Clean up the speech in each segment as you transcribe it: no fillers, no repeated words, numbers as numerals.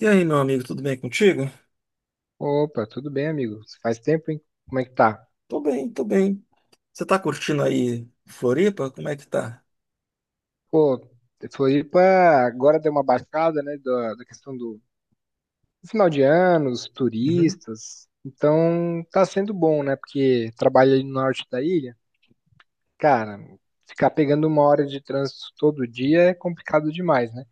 E aí, meu amigo, tudo bem contigo? Opa, tudo bem, amigo? Faz tempo, hein? Como é que tá? Tô bem, tô bem. Você tá curtindo aí Floripa? Como é que tá? Pô, Floripa agora deu uma baixada, né, da questão do final de ano, os Uhum. turistas. Então, tá sendo bom, né? Porque trabalho ali no norte da ilha, cara, ficar pegando uma hora de trânsito todo dia é complicado demais, né?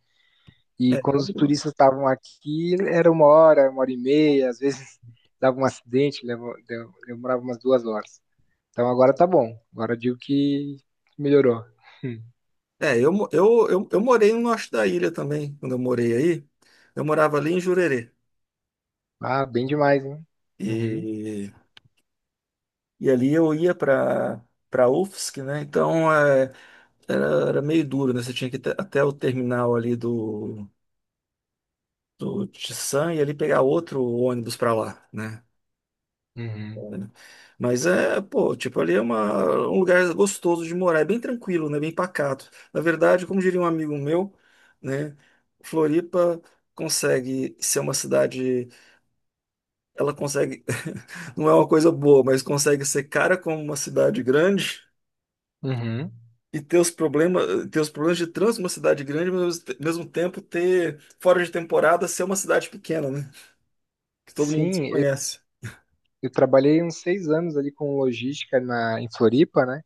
E É, quando eu, os turistas estavam aqui, era uma hora e meia, às vezes dava um acidente, demorava umas 2 horas. Então agora tá bom. Agora eu digo que melhorou. é, eu, mo- eu morei no norte da ilha também, quando eu morei aí. Eu morava ali em Jurerê. Ah, bem demais, hein? Uhum, E, e ali eu ia pra, pra UFSC, né? Então era meio duro, né? Você tinha que ir até o terminal ali do Tissan e ali pegar outro ônibus para lá, né? uhum, Né? Mas é, pô, tipo, um lugar gostoso de morar, é bem tranquilo, né? Bem pacato. Na verdade, como diria um amigo meu, né? Floripa consegue ser uma cidade, ela consegue, não é uma coisa boa, mas consegue ser cara como uma cidade grande uhum. e ter os problemas de trânsito uma cidade grande, mas ao mesmo tempo ter, fora de temporada, ser uma cidade pequena, né? Que todo mundo se Sim, eu, conhece. eu trabalhei uns 6 anos ali com logística na, em Floripa, né?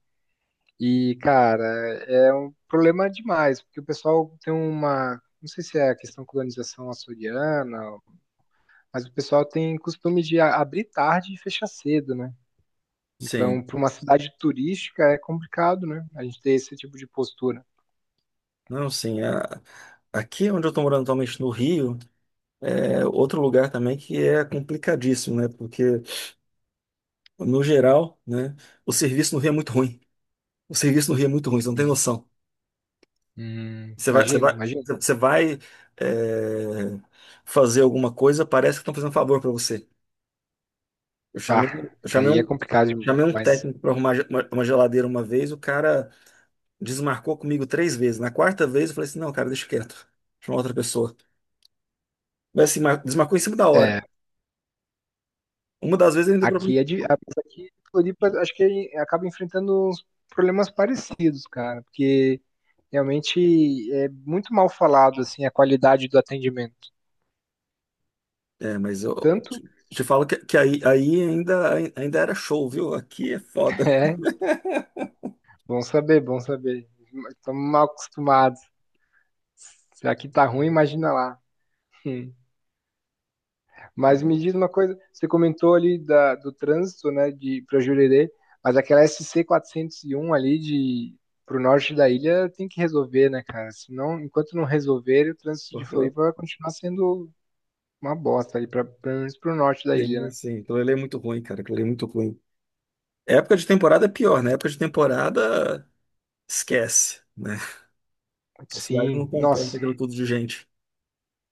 E, cara, é um problema demais, porque o pessoal tem uma. Não sei se é a questão colonização açoriana, mas o pessoal tem costume de abrir tarde e fechar cedo, né? Sim, Então, para uma cidade turística é complicado, né? A gente ter esse tipo de postura. não, sim. Aqui onde eu estou morando atualmente no Rio. É outro lugar também que é complicadíssimo, né? Porque, no geral, né, o serviço no Rio é muito ruim. O serviço no Rio é muito ruim, você não tem Hum, noção. Você vai, você imagino, vai, imagino. você vai, é, fazer alguma coisa, parece que estão fazendo um favor para você. Eu chamei, Ah, eu chamei aí é complicado chamei um demais. técnico para arrumar uma geladeira uma vez. O cara desmarcou comigo 3 vezes. Na quarta vez, eu falei assim: não, cara, deixa quieto, chama outra pessoa. Mas assim, desmarcou em cima da hora. É, Uma das vezes ele ainda... aqui é de, a mesa aqui em Floripa, acho que acaba enfrentando uns problemas parecidos, cara, porque realmente é muito mal falado assim a qualidade do atendimento. É, mas eu Tanto te falo que aí, ainda era show, viu? Aqui é foda. é, bom saber, bom saber. Estamos mal acostumados. Se aqui tá ruim, imagina lá. Hum. Mas me diz uma coisa, você comentou ali da, do trânsito, né, de para Jurerê, mas aquela SC 401 ali de pro norte da ilha tem que resolver, né, cara? Senão, enquanto não resolver, o trânsito de Floripa vai continuar sendo uma bosta ali para pelo menos pro norte da ilha, Eu, né? assim, aquilo ali é muito ruim, cara. Aquilo ali é muito ruim. Época de temporada é pior, né? Época de temporada, esquece, né? A cidade não Sim, comporta nossa, aquilo tudo de gente.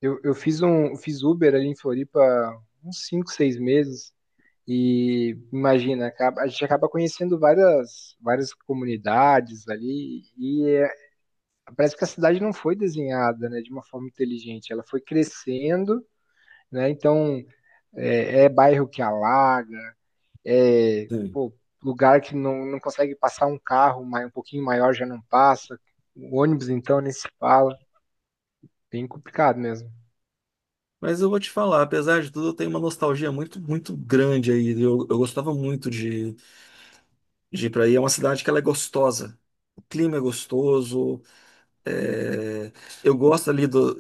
eu fiz um fiz Uber ali em Floripa uns 5, 6 meses. E imagina, a gente acaba conhecendo várias, várias comunidades ali, e é parece que a cidade não foi desenhada, né, de uma forma inteligente. Ela foi crescendo, né? Então é bairro que alaga, é Sim. pô, lugar que não, não consegue passar um carro um pouquinho maior já não passa. O ônibus então nem se fala. Bem complicado mesmo. Mas eu vou te falar, apesar de tudo, eu tenho uma nostalgia muito, muito grande aí. Eu gostava muito de... Jipraí é uma cidade que ela é gostosa. O clima é gostoso. é, Eu gosto ali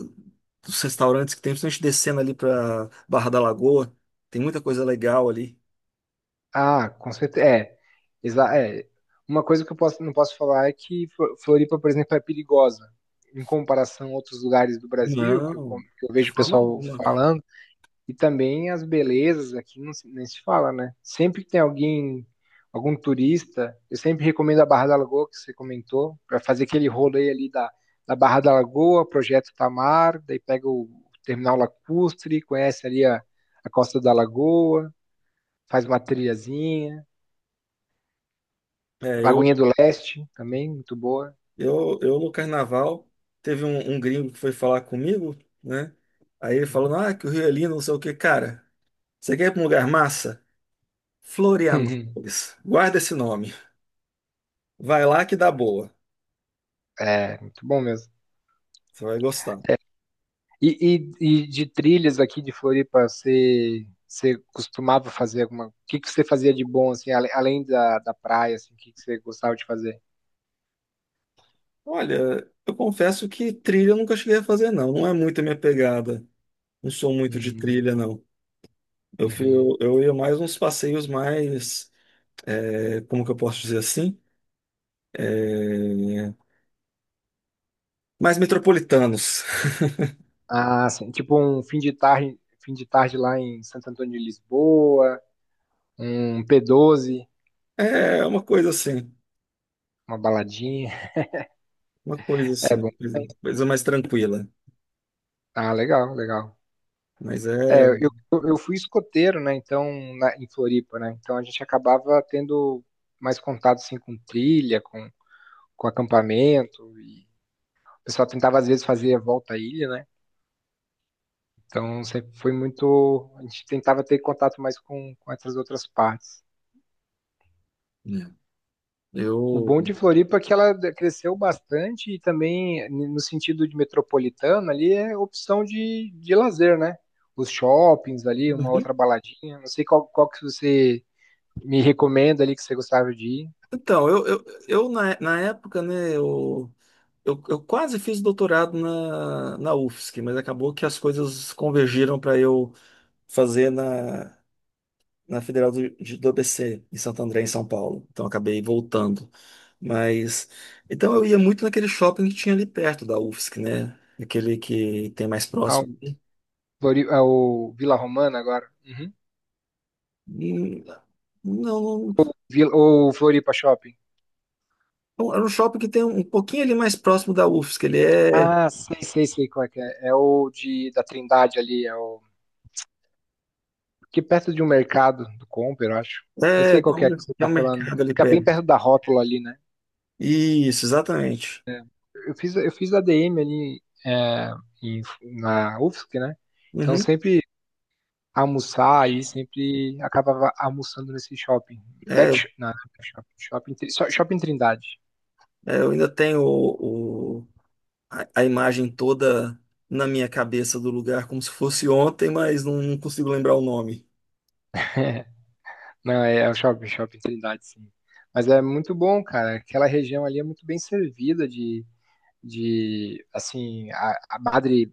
dos restaurantes que tem, principalmente descendo ali para Barra da Lagoa. Tem muita coisa legal ali. Ah, com certeza. É, é. Uma coisa que eu posso, não posso falar é que Floripa, por exemplo, é perigosa. Em comparação a outros lugares do Brasil, que Não, que eu de vejo o forma pessoal alguma. falando. E também as belezas aqui não se, nem se fala, né? Sempre que tem alguém, algum turista, eu sempre recomendo a Barra da Lagoa, que você comentou, para fazer aquele rolê ali da, Barra da Lagoa, Projeto Tamar, daí pega o Terminal Lacustre, conhece ali a Costa da Lagoa, faz uma trilhazinha, É, eu, Lagoinha do Leste também, muito boa. eu no carnaval teve um gringo que foi falar comigo, né? Aí ele falou, ah, que o Rio é lindo, não sei o quê. Cara, você quer ir para um lugar massa? Florianópolis. Guarda esse nome. Vai lá que dá boa. É, muito bom mesmo. Você vai gostar. E de trilhas aqui de Floripa, você costumava fazer alguma. O que, que você fazia de bom, assim, além da praia, assim, o que, que você gostava de fazer? Olha, eu confesso que trilha eu nunca cheguei a fazer, não. Não é muito a minha pegada. Não sou muito de Uhum, trilha, não. Eu fui, uhum. eu, eu ia mais uns passeios mais, como que eu posso dizer assim? É, mais metropolitanos. Ah, sim. Tipo um fim de tarde lá em Santo Antônio de Lisboa, um P12, É uma coisa assim, uma baladinha. uma coisa É assim, bom. coisa mais tranquila. Ah, legal, legal. Mas É, é. É. eu fui escoteiro, né? Então, na, em Floripa, né? Então a gente acabava tendo mais contato assim, com trilha, com acampamento. O pessoal tentava, às vezes, fazer a volta à ilha, né? Então, sempre foi muito. A gente tentava ter contato mais com essas outras partes. O Eu. bom de Floripa é que ela cresceu bastante e também, no sentido de metropolitana, ali é opção de lazer, né? Os shoppings ali, uma Uhum. outra baladinha. Não sei qual que você me recomenda ali que você gostava de ir. Então eu na, na época, né, eu quase fiz doutorado na, na UFSC, mas acabou que as coisas convergiram para eu fazer na, na Federal do ABC, em Santo André, em São Paulo. Então acabei voltando. Mas então eu ia muito naquele shopping que tinha ali perto da UFSC, né? Aquele que tem mais Ah, o, próximo. ah, o Vila Romana agora. Uhum. Hum, Não, Vila, ou Floripa Shopping. não, era um shopping que tem um pouquinho ali mais próximo da UFSC. Ah, sei, sei, sei qual é que é. É o da Trindade ali, é o que perto de um mercado do Comper, eu acho. Eu sei Tem qual que é que você tem está um falando. mercado ali Fica perto. bem perto da rótula ali, né? Isso, exatamente. Eu fiz a ADM ali é, em- na UFSC, né? Então Uhum. sempre almoçar ali, sempre acabava almoçando nesse shopping. Back, É, não, não é back shopping, shopping, shopping Trindade. é, eu ainda tenho a imagem toda na minha cabeça do lugar, como se fosse ontem, mas não, não consigo lembrar o nome. Não, é o shopping Trindade, sim. Mas é muito bom, cara. Aquela região ali é muito bem servida de assim, a Madre,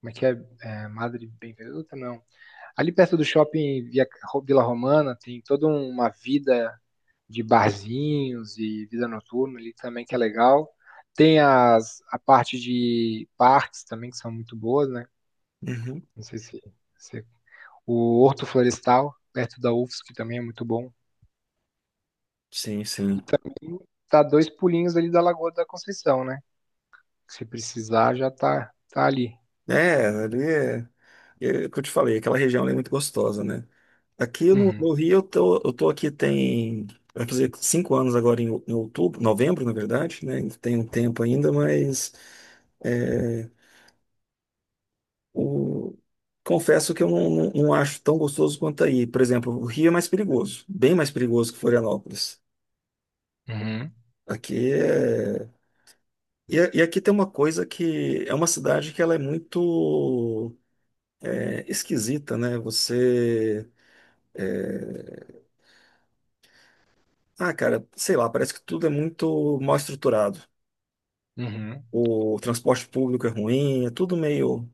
como é que é? É, Madre Benvenuta, não. Ali perto do shopping Vila Romana tem toda um, uma vida de barzinhos e vida noturna ali também que é legal. Tem a parte de parques também que são muito boas, né? Uhum. Não sei se- o Horto Florestal, perto da UFSC, que também é muito bom. Sim, sim. E também tá dois pulinhos ali da Lagoa da Conceição, né? Se precisar, tá ali. É, ali é, é o que eu te falei, aquela região ali é muito gostosa, né? Aqui no, Uhum, no Rio, eu tô aqui tem, vai fazer 5 anos agora em, em outubro, novembro, na verdade, né? Ainda tem um tempo ainda, mas é, O- confesso que eu não acho tão gostoso quanto aí. Por exemplo, o Rio é mais perigoso, bem mais perigoso que Florianópolis. uhum, Aqui é. E aqui tem uma coisa que é uma cidade que ela é muito esquisita, né? Você. é, Ah, cara, sei lá, parece que tudo é muito mal estruturado. uhum. O transporte público é ruim, é tudo meio,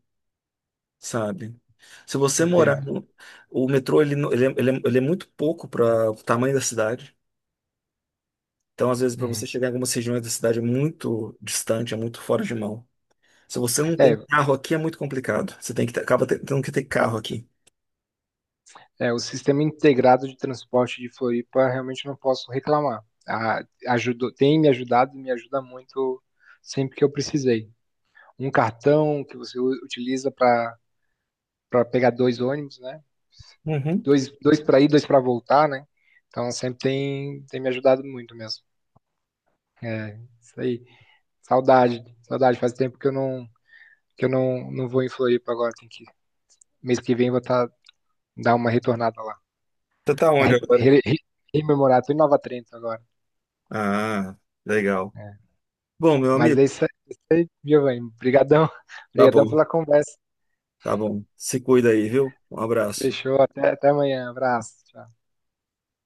sabe? Se você morar Entendo. no... O metrô, ele, não- ele, é, ele é ele é muito pouco para o tamanho da cidade. Então, às vezes, para Uhum. você chegar em algumas regiões da cidade é muito distante, é muito fora de mão. Se você não tem É, carro aqui, é muito complicado. Você tem que tendo que ter carro aqui. O sistema integrado de transporte de Floripa, realmente não posso reclamar. Ajudou, tem me ajudado e me ajuda muito sempre que eu precisei. Um cartão que você utiliza para pegar dois ônibus, né? Uhum. Dois, dois para ir, dois para voltar, né? Então sempre tem me ajudado muito mesmo. É, isso aí. Saudade, saudade. Faz tempo que eu não não vou em Floripa agora. Tem que, mês que vem eu vou dar uma retornada lá. Você tá Pra onde agora? Rememorar, tô em Nova Trento agora. Ah, legal. Bom, meu Mas amigo, é isso aí, Giovanni. Obrigadão, tá obrigadão bom, pela conversa. tá bom. Se cuida aí, viu? Um abraço. Fechou, até amanhã. Abraço. Tchau.